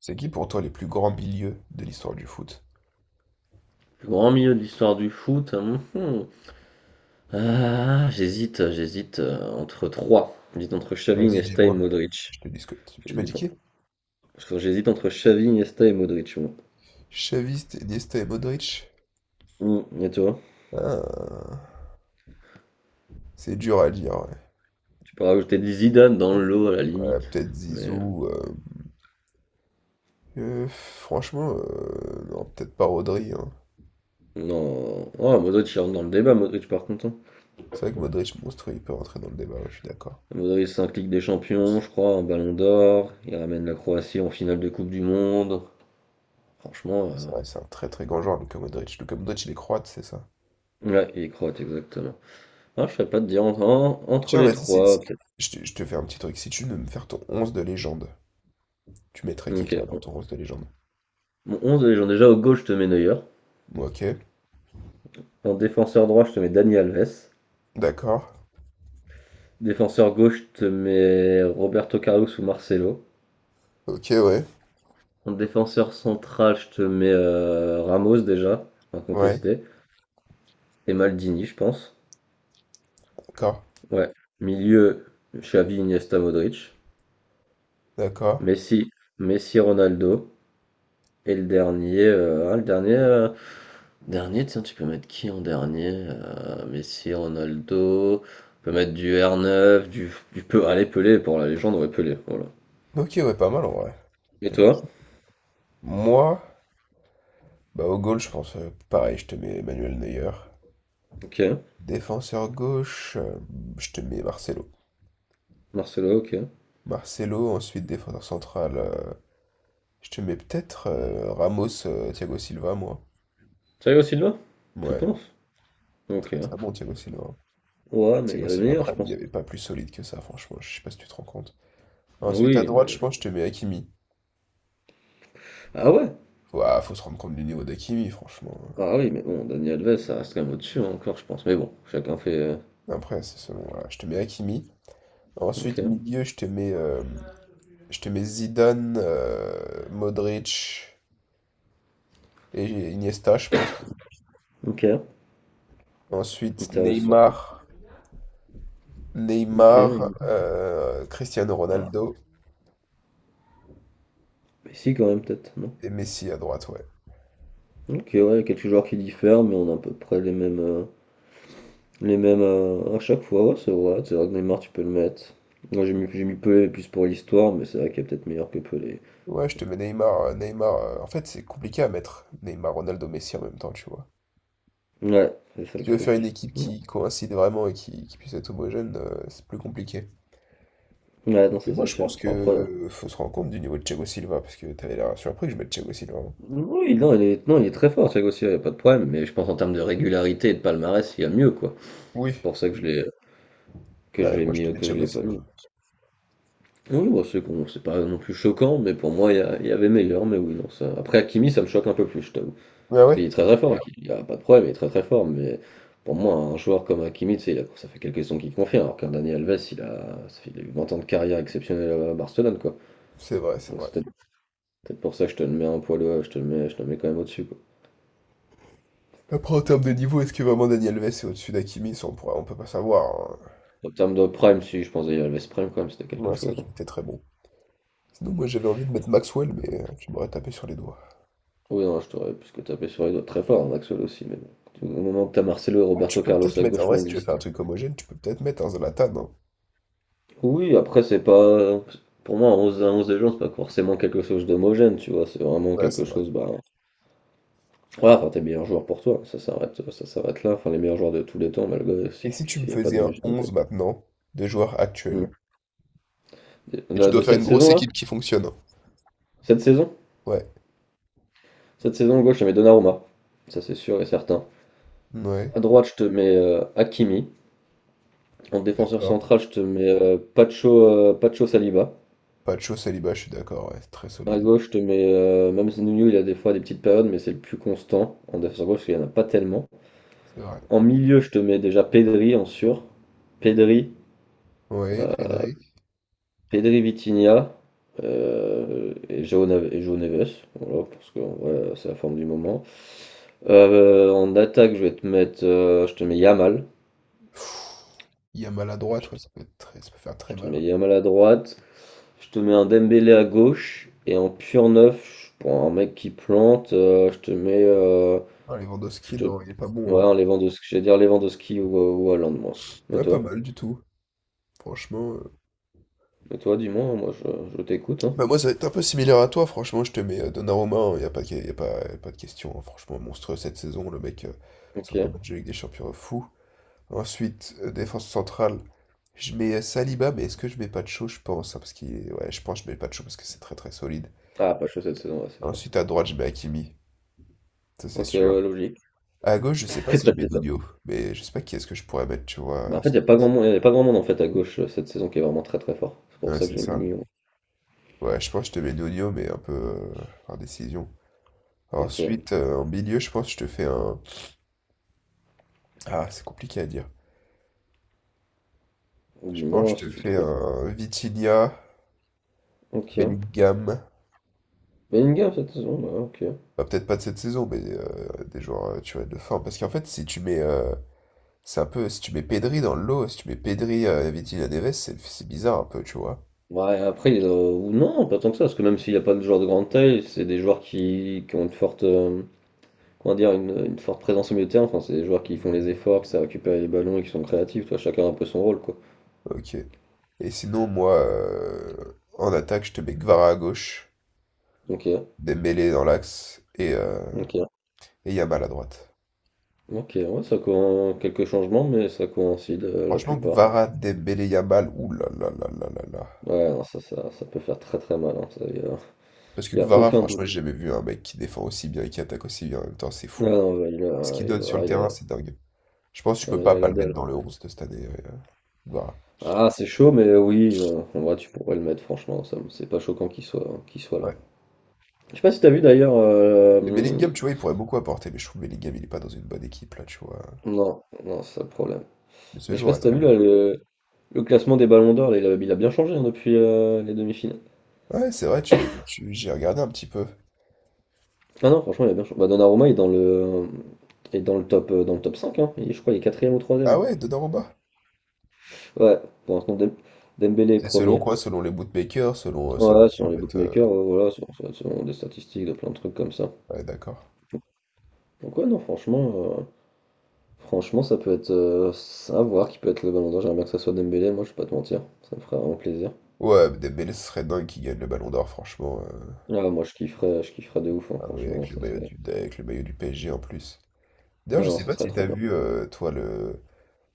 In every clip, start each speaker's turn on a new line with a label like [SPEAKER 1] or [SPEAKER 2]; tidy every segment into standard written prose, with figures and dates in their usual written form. [SPEAKER 1] C'est qui pour toi les plus grands milieux de l'histoire du foot?
[SPEAKER 2] Plus grand milieu de l'histoire du foot. Hum, hum. Ah, j'hésite entre trois. J'hésite entre Xavi,
[SPEAKER 1] Vas-y,
[SPEAKER 2] Iniesta et
[SPEAKER 1] dis-moi.
[SPEAKER 2] Modric.
[SPEAKER 1] Je te dis ce que... Tu m'as dit
[SPEAKER 2] J'hésite non.
[SPEAKER 1] qui?
[SPEAKER 2] Parce que j'hésite entre Xavi, Iniesta et Modric, moi.
[SPEAKER 1] Xavi, Iniesta et Modric?
[SPEAKER 2] Hum. Et toi?
[SPEAKER 1] Ah, c'est dur à dire, ouais.
[SPEAKER 2] Tu peux rajouter des Zidane dans le lot à la
[SPEAKER 1] Ouais,
[SPEAKER 2] limite.
[SPEAKER 1] peut-être
[SPEAKER 2] Mais
[SPEAKER 1] Zizou. Franchement, non, peut-être pas Rodri, hein.
[SPEAKER 2] non. Oh, Modric il rentre dans le débat, Modric par contre, hein.
[SPEAKER 1] C'est vrai que Modric, monstre, il peut rentrer dans le débat, ouais, je suis d'accord.
[SPEAKER 2] Modric, c'est un clic des champions, je crois, un ballon d'or. Il ramène la Croatie en finale de Coupe du Monde. Franchement,
[SPEAKER 1] C'est vrai, c'est un très très grand joueur, Luka Modric. Luka Modric, il est croate, c'est ça.
[SPEAKER 2] ouais, il est croate, exactement. Ah, je sais pas te dire entre, entre
[SPEAKER 1] Tiens,
[SPEAKER 2] les
[SPEAKER 1] vas-y,
[SPEAKER 2] trois, peut-être.
[SPEAKER 1] je te fais un petit truc. Si tu veux me faire ton 11 de légende, tu mettrais qui,
[SPEAKER 2] Ok,
[SPEAKER 1] toi, dans ton 11 de légende?
[SPEAKER 2] mon 11, de légende, déjà au gauche, je te mets Neuer.
[SPEAKER 1] Ok,
[SPEAKER 2] En défenseur droit, je te mets Dani Alves.
[SPEAKER 1] d'accord.
[SPEAKER 2] Défenseur gauche, je te mets Roberto Carlos ou Marcelo.
[SPEAKER 1] Ok, ouais.
[SPEAKER 2] En défenseur central, je te mets Ramos déjà,
[SPEAKER 1] Ouais,
[SPEAKER 2] incontesté. Et Maldini, je pense.
[SPEAKER 1] d'accord.
[SPEAKER 2] Ouais. Milieu, Xavi, Iniesta, Modric.
[SPEAKER 1] D'accord.
[SPEAKER 2] Messi, Ronaldo. Et le dernier, hein, tiens, tu peux mettre qui en dernier? Messi, Ronaldo, on peut mettre du R9, allez, Pelé, pour la légende, ouais, Pelé, voilà.
[SPEAKER 1] Ok, ouais, pas mal en vrai.
[SPEAKER 2] Et
[SPEAKER 1] Pas de-
[SPEAKER 2] toi?
[SPEAKER 1] Moi, bah au goal, je pense pareil, je te mets Manuel Neuer.
[SPEAKER 2] Ok.
[SPEAKER 1] Défenseur gauche, je te mets Marcelo.
[SPEAKER 2] Marcelo, ok.
[SPEAKER 1] Marcelo, ensuite défenseur central, je te mets peut-être Ramos, Thiago Silva, moi.
[SPEAKER 2] Thiago Silva? Tu
[SPEAKER 1] Ouais,
[SPEAKER 2] penses? Ok.
[SPEAKER 1] très très bon Thiago Silva.
[SPEAKER 2] Ouais, mais il y
[SPEAKER 1] Thiago
[SPEAKER 2] a des
[SPEAKER 1] Silva
[SPEAKER 2] meilleurs, je
[SPEAKER 1] Prime, il n'y
[SPEAKER 2] pense.
[SPEAKER 1] avait pas plus solide que ça, franchement, je sais pas si tu te rends compte. Ensuite, à
[SPEAKER 2] Oui,
[SPEAKER 1] droite,
[SPEAKER 2] mais.
[SPEAKER 1] je pense que je te mets Hakimi.
[SPEAKER 2] Ah ouais?
[SPEAKER 1] Faut, ah, faut se rendre compte du niveau d'Hakimi, franchement.
[SPEAKER 2] Ah oui, mais bon, Daniel Alves, ça reste quand même au-dessus, hein, encore, je pense. Mais bon, chacun fait.
[SPEAKER 1] Après, c'est selon, voilà, je te mets Hakimi.
[SPEAKER 2] Ok.
[SPEAKER 1] Ensuite, milieu, je te mets Zidane, Modric et Iniesta, je pense.
[SPEAKER 2] Ok.
[SPEAKER 1] Ensuite,
[SPEAKER 2] Intéressant.
[SPEAKER 1] Neymar,
[SPEAKER 2] Ok.
[SPEAKER 1] Cristiano
[SPEAKER 2] Ah,
[SPEAKER 1] Ronaldo
[SPEAKER 2] Messi quand même, peut-être, non?
[SPEAKER 1] et Messi à droite, ouais.
[SPEAKER 2] Ok, ouais, il y a quelques joueurs qui diffèrent, mais on a à peu près les mêmes. Les mêmes à chaque fois, ouais, c'est vrai. C'est vrai que Neymar, tu peux le mettre. Moi, j'ai mis Pelé plus pour l'histoire, mais c'est vrai qu'il est peut-être meilleur que Pelé.
[SPEAKER 1] Ouais, je te mets Neymar, en fait, c'est compliqué à mettre Neymar, Ronaldo, Messi en même temps, tu vois.
[SPEAKER 2] Ouais, c'est ça
[SPEAKER 1] Si
[SPEAKER 2] le
[SPEAKER 1] tu veux faire une
[SPEAKER 2] truc.
[SPEAKER 1] équipe qui coïncide vraiment et qui puisse être homogène, c'est plus compliqué.
[SPEAKER 2] Ouais, non,
[SPEAKER 1] Mais
[SPEAKER 2] ça
[SPEAKER 1] moi,
[SPEAKER 2] c'est
[SPEAKER 1] je pense
[SPEAKER 2] sûr.
[SPEAKER 1] que
[SPEAKER 2] Après,
[SPEAKER 1] faut se rendre compte du niveau de Thiago Silva, parce que t'avais l'air surpris que je mette Thiago Silva, hein.
[SPEAKER 2] oui, non, il est, non, il est très fort, Thiago Silva, il n'y a pas de problème, mais je pense en termes de régularité et de palmarès, il y a mieux, quoi. C'est
[SPEAKER 1] Oui.
[SPEAKER 2] pour ça que
[SPEAKER 1] Ouais, moi, je te mets
[SPEAKER 2] que je
[SPEAKER 1] Thiago
[SPEAKER 2] l'ai pas
[SPEAKER 1] Silva.
[SPEAKER 2] mis. Oui, bon, c'est con, c'est pas non plus choquant, mais pour moi, il y avait meilleur, mais oui, non, ça. Après, Hakimi, ça me choque un peu plus, je t'avoue.
[SPEAKER 1] Ah
[SPEAKER 2] Parce qu'il
[SPEAKER 1] ouais?
[SPEAKER 2] est très très fort. Ouais. Il n'y a pas de problème, il est très très fort, mais pour moi, un joueur comme Hakimi, tu sais, ça fait quelques saisons qu'il confirme, alors qu'un Dani Alves, il a eu 20 ans de carrière exceptionnelle à Barcelone, quoi.
[SPEAKER 1] C'est vrai, c'est
[SPEAKER 2] Donc
[SPEAKER 1] vrai.
[SPEAKER 2] c'est peut-être pour ça que je te le mets un poil, je te le mets quand même au-dessus, quoi.
[SPEAKER 1] Après, en termes de niveau, est-ce que vraiment Daniel Alves est au-dessus d'Hakimi? Ça, on pourrait, on peut pas savoir, hein.
[SPEAKER 2] En termes de prime, si, je pense Dani Alves prime quand même, c'était quelque
[SPEAKER 1] Ouais, c'est vrai
[SPEAKER 2] chose, hein.
[SPEAKER 1] qu'il était très bon. Sinon, moi, j'avais envie de mettre Maxwell, mais tu m'aurais tapé sur les doigts.
[SPEAKER 2] Oui, non, je t'aurais plus que tapé sur les doigts très fort, en Axel aussi, mais bon. Au moment que t'as Marcelo et
[SPEAKER 1] Ah, tu
[SPEAKER 2] Roberto
[SPEAKER 1] peux
[SPEAKER 2] Carlos
[SPEAKER 1] peut-être
[SPEAKER 2] à
[SPEAKER 1] mettre, en
[SPEAKER 2] gauche qui
[SPEAKER 1] vrai, si
[SPEAKER 2] ont
[SPEAKER 1] tu veux faire un
[SPEAKER 2] existé.
[SPEAKER 1] truc homogène, tu peux peut-être mettre un Zlatan, hein.
[SPEAKER 2] Oui, après, c'est pas. Pour moi, un 11 à 11 des gens, c'est pas forcément quelque chose d'homogène, tu vois. C'est vraiment
[SPEAKER 1] Ouais,
[SPEAKER 2] quelque
[SPEAKER 1] c'est vrai.
[SPEAKER 2] chose, bah, ouais, enfin, tes meilleurs joueurs pour toi, ça s'arrête là. Enfin, les meilleurs joueurs de tous les temps, malgré si,
[SPEAKER 1] Et si tu me
[SPEAKER 2] s'il n'y a pas
[SPEAKER 1] faisais un
[SPEAKER 2] d'homogénéité.
[SPEAKER 1] 11 maintenant de joueurs
[SPEAKER 2] Mm.
[SPEAKER 1] actuels? Et tu
[SPEAKER 2] Là,
[SPEAKER 1] dois
[SPEAKER 2] de
[SPEAKER 1] faire
[SPEAKER 2] cette
[SPEAKER 1] une grosse
[SPEAKER 2] saison-là,
[SPEAKER 1] équipe qui fonctionne, hein.
[SPEAKER 2] cette saison,
[SPEAKER 1] Ouais,
[SPEAKER 2] à gauche, je te mets Donnarumma, ça c'est sûr et certain.
[SPEAKER 1] ouais,
[SPEAKER 2] À droite, je te mets Hakimi. En
[SPEAKER 1] je suis
[SPEAKER 2] défenseur
[SPEAKER 1] d'accord.
[SPEAKER 2] central, je te mets Pacho Saliba.
[SPEAKER 1] Pacho, Saliba, je suis d'accord, ouais, c'est très
[SPEAKER 2] À
[SPEAKER 1] solide.
[SPEAKER 2] gauche, je te mets même Nuno, il a des fois des petites périodes, mais c'est le plus constant en défenseur gauche, parce qu'il n'y en a pas tellement.
[SPEAKER 1] C'est vrai.
[SPEAKER 2] En milieu, je te mets déjà Pedri en sûr. Pedri,
[SPEAKER 1] Ouais, Pedri.
[SPEAKER 2] Vitinha et João Neves. Voilà, parce que voilà, c'est la forme du moment. En attaque, je vais te mettre. Je te mets Yamal.
[SPEAKER 1] Il y a mal à
[SPEAKER 2] Je
[SPEAKER 1] droite, ouais,
[SPEAKER 2] te,
[SPEAKER 1] ça peut être très, ça peut faire
[SPEAKER 2] je
[SPEAKER 1] très
[SPEAKER 2] te
[SPEAKER 1] mal,
[SPEAKER 2] mets
[SPEAKER 1] hein.
[SPEAKER 2] Yamal à droite. Je te mets un Dembélé à gauche. Et en pur neuf, pour un mec qui plante, je te mets.
[SPEAKER 1] Ah,
[SPEAKER 2] Je
[SPEAKER 1] Lewandowski,
[SPEAKER 2] te,
[SPEAKER 1] non, il est pas bon,
[SPEAKER 2] ouais,
[SPEAKER 1] hein.
[SPEAKER 2] un Lewandowski. J'allais dire Lewandowski ou Haaland, moi. Mais
[SPEAKER 1] Ouais, pas
[SPEAKER 2] toi?
[SPEAKER 1] mal du tout, franchement.
[SPEAKER 2] Mais toi, dis-moi, moi je t'écoute. Hein.
[SPEAKER 1] Bah moi, ça va être un peu similaire à toi, franchement, je te mets Donnarumma, il n'y a pas de, y a pas de question, hein. Franchement, monstrueux cette saison, le mec
[SPEAKER 2] Ok.
[SPEAKER 1] sort des matchs de Ligue des Champions fou. Ensuite, défense centrale, je mets Saliba, mais est-ce que je mets pas de chaud, je pense, hein, parce qu'il est... Ouais, je pense que je mets pas de chaud parce que c'est très très solide.
[SPEAKER 2] Ah, pas chaud cette saison, ouais, c'est fort.
[SPEAKER 1] Ensuite, à droite, je mets Hakimi, ça c'est
[SPEAKER 2] Ok, ouais,
[SPEAKER 1] sûr.
[SPEAKER 2] logique.
[SPEAKER 1] À gauche, je sais pas si
[SPEAKER 2] Pas
[SPEAKER 1] je
[SPEAKER 2] de
[SPEAKER 1] mets
[SPEAKER 2] débat.
[SPEAKER 1] Nuno, mais je sais pas qui est-ce que je pourrais mettre, tu vois,
[SPEAKER 2] Bah,
[SPEAKER 1] à
[SPEAKER 2] en fait, il
[SPEAKER 1] cette
[SPEAKER 2] n'y a pas grand
[SPEAKER 1] place.
[SPEAKER 2] monde, y a pas grand monde en fait à gauche cette saison qui est vraiment très très fort. C'est pour
[SPEAKER 1] Ouais,
[SPEAKER 2] ça que
[SPEAKER 1] c'est
[SPEAKER 2] j'ai
[SPEAKER 1] ça.
[SPEAKER 2] mis Lyon.
[SPEAKER 1] Ouais, je pense que je te mets Nuno, mais un peu par décision.
[SPEAKER 2] Ok.
[SPEAKER 1] Ensuite, en milieu, je pense que je te fais un. Ah, c'est compliqué à dire. Je pense
[SPEAKER 2] Dis-moi
[SPEAKER 1] que
[SPEAKER 2] si
[SPEAKER 1] je te
[SPEAKER 2] tu
[SPEAKER 1] fais
[SPEAKER 2] trouves.
[SPEAKER 1] un Vitinha,
[SPEAKER 2] Ok.
[SPEAKER 1] Bellingham.
[SPEAKER 2] Bellingham cette saison, ouais, ok.
[SPEAKER 1] Bah, peut-être pas de cette saison, mais des joueurs, tu vois, de forme. Parce qu'en fait, si tu mets. C'est un peu. Si tu mets Pedri dans le lot, si tu mets Pedri, Vitinha, Neves, c'est bizarre un peu, tu vois.
[SPEAKER 2] Ouais, après, ou non, pas tant que ça, parce que même s'il n'y a pas de joueurs de grande taille, c'est des joueurs qui ont une forte, comment dire, une forte présence au milieu de terrain. Enfin, c'est des joueurs qui font les efforts, qui savent récupérer les ballons et qui sont créatifs. Toi, chacun a un peu son rôle, quoi.
[SPEAKER 1] Ok. Et sinon, moi, en attaque, je te mets Gvara à gauche,
[SPEAKER 2] Ok.
[SPEAKER 1] Dembélé dans l'axe et,
[SPEAKER 2] Ok.
[SPEAKER 1] Yamal à droite.
[SPEAKER 2] Ok. Ouais, quelques changements, mais ça coïncide la
[SPEAKER 1] Franchement,
[SPEAKER 2] plupart.
[SPEAKER 1] Kvara, Dembélé, Yamal, ouh là là là là là là.
[SPEAKER 2] Ouais, non, ça peut faire très très mal, hein. Ça, y a-
[SPEAKER 1] Parce
[SPEAKER 2] il
[SPEAKER 1] que
[SPEAKER 2] n'y a y a
[SPEAKER 1] Kvara,
[SPEAKER 2] aucun doute.
[SPEAKER 1] franchement, j'ai jamais vu un mec qui défend aussi bien et qui attaque aussi bien en même temps, c'est
[SPEAKER 2] Ah
[SPEAKER 1] fou.
[SPEAKER 2] non, bah, il
[SPEAKER 1] Ce
[SPEAKER 2] a,
[SPEAKER 1] qu'il
[SPEAKER 2] il
[SPEAKER 1] donne sur
[SPEAKER 2] va-
[SPEAKER 1] le
[SPEAKER 2] ah, il a,
[SPEAKER 1] terrain,
[SPEAKER 2] la
[SPEAKER 1] c'est dingue. Je pense que je
[SPEAKER 2] ah,
[SPEAKER 1] peux
[SPEAKER 2] non, il
[SPEAKER 1] pas
[SPEAKER 2] a
[SPEAKER 1] pas
[SPEAKER 2] la
[SPEAKER 1] le mettre
[SPEAKER 2] dalle.
[SPEAKER 1] dans le 11 de cette année, ouais, Kvara.
[SPEAKER 2] Ah, c'est chaud, mais oui, non, en vrai, tu pourrais le mettre, franchement, c'est pas choquant qu'il soit là.
[SPEAKER 1] Ouais.
[SPEAKER 2] Je sais pas si t'as vu d'ailleurs.
[SPEAKER 1] Mais Bellingham, tu vois, il pourrait beaucoup apporter, mais je trouve que Bellingham, il est pas dans une bonne équipe, là, tu vois.
[SPEAKER 2] Non, non, c'est ça le problème.
[SPEAKER 1] Mais ce
[SPEAKER 2] Mais je sais pas
[SPEAKER 1] joueur est
[SPEAKER 2] si t'as
[SPEAKER 1] très
[SPEAKER 2] vu
[SPEAKER 1] bon.
[SPEAKER 2] là le classement des Ballons d'Or, là, il a bien changé, hein, depuis les demi-finales.
[SPEAKER 1] Ouais, c'est vrai, j'ai regardé un petit peu.
[SPEAKER 2] Ah non, franchement, il a bien changé. Bah, Donnarumma est dans le top cinq, hein. Il est, je crois, il est quatrième ou
[SPEAKER 1] Ah
[SPEAKER 2] troisième.
[SPEAKER 1] ouais, Donnarumma.
[SPEAKER 2] Ouais, pour l'instant, Dembélé est
[SPEAKER 1] C'est selon
[SPEAKER 2] premier.
[SPEAKER 1] quoi? Selon les bootmakers, selon, selon
[SPEAKER 2] Ouais,
[SPEAKER 1] qui, en
[SPEAKER 2] sur les
[SPEAKER 1] fait.
[SPEAKER 2] bookmakers, voilà, sur des statistiques, de plein de trucs comme ça.
[SPEAKER 1] Ouais, d'accord.
[SPEAKER 2] Donc ouais, non, euh, franchement, ça peut être à voir qui peut être le bon endroit. J'aimerais bien que ça soit Dembélé, moi, je vais pas te mentir, ça me ferait vraiment plaisir.
[SPEAKER 1] Ouais, Dembélé, ce serait dingue qu'il gagne le ballon d'or, franchement.
[SPEAKER 2] Ah, moi, je kifferais de ouf, hein,
[SPEAKER 1] Ah oui,
[SPEAKER 2] franchement,
[SPEAKER 1] avec le
[SPEAKER 2] ça
[SPEAKER 1] maillot
[SPEAKER 2] serait.
[SPEAKER 1] du, avec le maillot du PSG en plus. D'ailleurs,
[SPEAKER 2] Ah
[SPEAKER 1] je
[SPEAKER 2] non,
[SPEAKER 1] sais
[SPEAKER 2] ça
[SPEAKER 1] pas
[SPEAKER 2] serait
[SPEAKER 1] si
[SPEAKER 2] trop
[SPEAKER 1] t'as
[SPEAKER 2] bien.
[SPEAKER 1] vu, toi, le.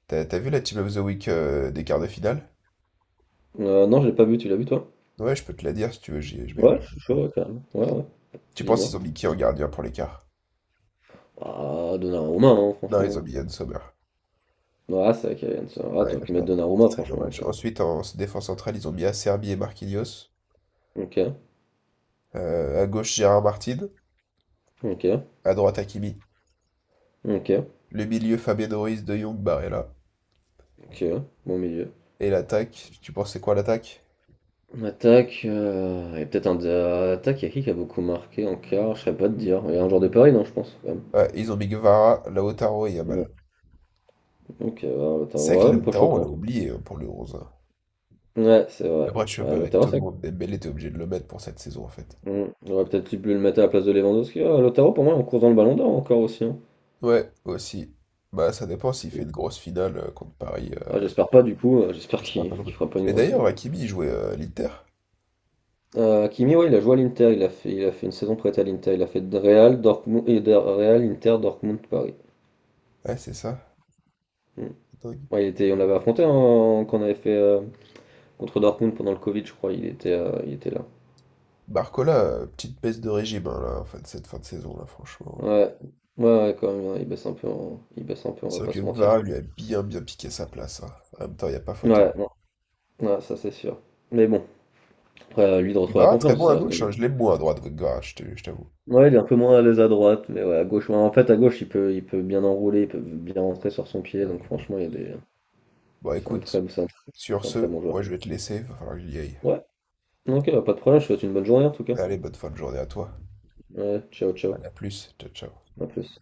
[SPEAKER 1] T'as, t'as vu la Team of the Week des quarts de finale?
[SPEAKER 2] Non, je l'ai pas vu, tu l'as vu, toi?
[SPEAKER 1] Ouais, je peux te la dire si tu veux, j'ai, je j'ai
[SPEAKER 2] Ouais, je suis chaud,
[SPEAKER 1] retenu.
[SPEAKER 2] ouais, quand même. Ouais, ouais,
[SPEAKER 1] Tu penses
[SPEAKER 2] dis-moi.
[SPEAKER 1] qu'ils ont mis qui en gardien pour les quarts?
[SPEAKER 2] Ah, Donnarumma, hein,
[SPEAKER 1] Non, ils
[SPEAKER 2] franchement.
[SPEAKER 1] ont mis Yann Sommer.
[SPEAKER 2] Ah, c'est vrai qu'il y a une. Ah,
[SPEAKER 1] Ouais,
[SPEAKER 2] t'aurais
[SPEAKER 1] la
[SPEAKER 2] pu mettre
[SPEAKER 1] merde.
[SPEAKER 2] Donnarumma,
[SPEAKER 1] Très grand
[SPEAKER 2] franchement,
[SPEAKER 1] match.
[SPEAKER 2] aussi.
[SPEAKER 1] Ensuite, en défense centrale, ils ont mis Acerbi et Marquinhos.
[SPEAKER 2] Ok,
[SPEAKER 1] À gauche, Gérard Martin.
[SPEAKER 2] ok,
[SPEAKER 1] À droite, Hakimi.
[SPEAKER 2] ok,
[SPEAKER 1] Le milieu, Fabien Ruiz, De Jong, Barella.
[SPEAKER 2] ok, bon milieu.
[SPEAKER 1] Et l'attaque, tu penses c'est quoi l'attaque?
[SPEAKER 2] Attaque, et peut-être un. Attaque, il y a qui a beaucoup marqué en quart? Je serais pas de dire. Il y a un joueur de Paris, non, je pense, quand même.
[SPEAKER 1] Ouais, ils ont mis Guevara, Lautaro et Yamal.
[SPEAKER 2] Non. Ok, bah,
[SPEAKER 1] C'est vrai
[SPEAKER 2] Lautaro,
[SPEAKER 1] que
[SPEAKER 2] ouais, pas
[SPEAKER 1] Lautaro, on l'a
[SPEAKER 2] choquant.
[SPEAKER 1] oublié hein, pour le 11, hein.
[SPEAKER 2] Ouais, c'est vrai.
[SPEAKER 1] Après, tu vas
[SPEAKER 2] Ouais,
[SPEAKER 1] pas mettre
[SPEAKER 2] Lautaro,
[SPEAKER 1] tout le
[SPEAKER 2] c'est vrai
[SPEAKER 1] monde. Dembélé, t'es obligé de le mettre pour cette saison, en fait.
[SPEAKER 2] Hmm. J'aurais peut-être dû le mettre à la place de Lewandowski. Ah, Lautaro, pour moi, on court dans le ballon d'or encore aussi, hein.
[SPEAKER 1] Ouais, aussi. Bah, ça dépend
[SPEAKER 2] Parce
[SPEAKER 1] s'il fait
[SPEAKER 2] que-
[SPEAKER 1] une grosse finale contre Paris.
[SPEAKER 2] Ah, j'espère pas, du coup. J'espère
[SPEAKER 1] J'espère
[SPEAKER 2] qu'il
[SPEAKER 1] pas non
[SPEAKER 2] qu'il
[SPEAKER 1] plus.
[SPEAKER 2] fera pas une
[SPEAKER 1] Mais
[SPEAKER 2] grosse une.
[SPEAKER 1] d'ailleurs, Hakimi, il jouait à l'Inter.
[SPEAKER 2] Kimi, ouais, il a joué à l'Inter. Il a fait une saison prête à l'Inter. Il a fait de Real, Dortmund, et de Real, Inter, Dortmund, Paris.
[SPEAKER 1] Ouais, c'est ça.
[SPEAKER 2] Hmm.
[SPEAKER 1] C'est dingue.
[SPEAKER 2] Ouais, il était, on l'avait affronté, hein, quand on avait fait contre Dortmund pendant le Covid, je crois. Il était là.
[SPEAKER 1] Barcola, petite baisse de régime, hein, là, en fait, cette fin de saison, là, franchement.
[SPEAKER 2] Ouais, ouais, ouais, quand même, hein, il baisse un peu, on
[SPEAKER 1] C'est
[SPEAKER 2] va
[SPEAKER 1] vrai
[SPEAKER 2] pas
[SPEAKER 1] que
[SPEAKER 2] se mentir.
[SPEAKER 1] Guevara lui a bien, bien piqué sa place, hein. En même temps, il n'y a pas photo.
[SPEAKER 2] Ouais, bon. Ouais, ça c'est sûr. Mais bon, après, à lui de retrouver la
[SPEAKER 1] Guevara, très
[SPEAKER 2] confiance,
[SPEAKER 1] bon
[SPEAKER 2] ça
[SPEAKER 1] à
[SPEAKER 2] reste quand
[SPEAKER 1] gauche,
[SPEAKER 2] même.
[SPEAKER 1] hein, je l'aime moins à droite, Guevara, je t'avoue.
[SPEAKER 2] Ouais, il est un peu moins à l'aise à droite, mais ouais, à gauche. Ouais, en fait, à gauche, il peut bien enrouler, il peut bien rentrer sur son pied,
[SPEAKER 1] Ouais,
[SPEAKER 2] donc
[SPEAKER 1] mais bon.
[SPEAKER 2] franchement, il y a des.
[SPEAKER 1] Bon,
[SPEAKER 2] c'est un
[SPEAKER 1] écoute,
[SPEAKER 2] très, c'est un très,
[SPEAKER 1] sur
[SPEAKER 2] c'est un très
[SPEAKER 1] ce,
[SPEAKER 2] bon joueur.
[SPEAKER 1] moi, je vais te laisser, va falloir que j'y aille.
[SPEAKER 2] Ouais, ok, bah, pas de problème, je te souhaite une bonne journée en tout cas.
[SPEAKER 1] Allez, bonne fin de journée à toi.
[SPEAKER 2] Ouais, ciao, ciao,
[SPEAKER 1] Allez, à plus. Ciao, ciao.
[SPEAKER 2] à plus.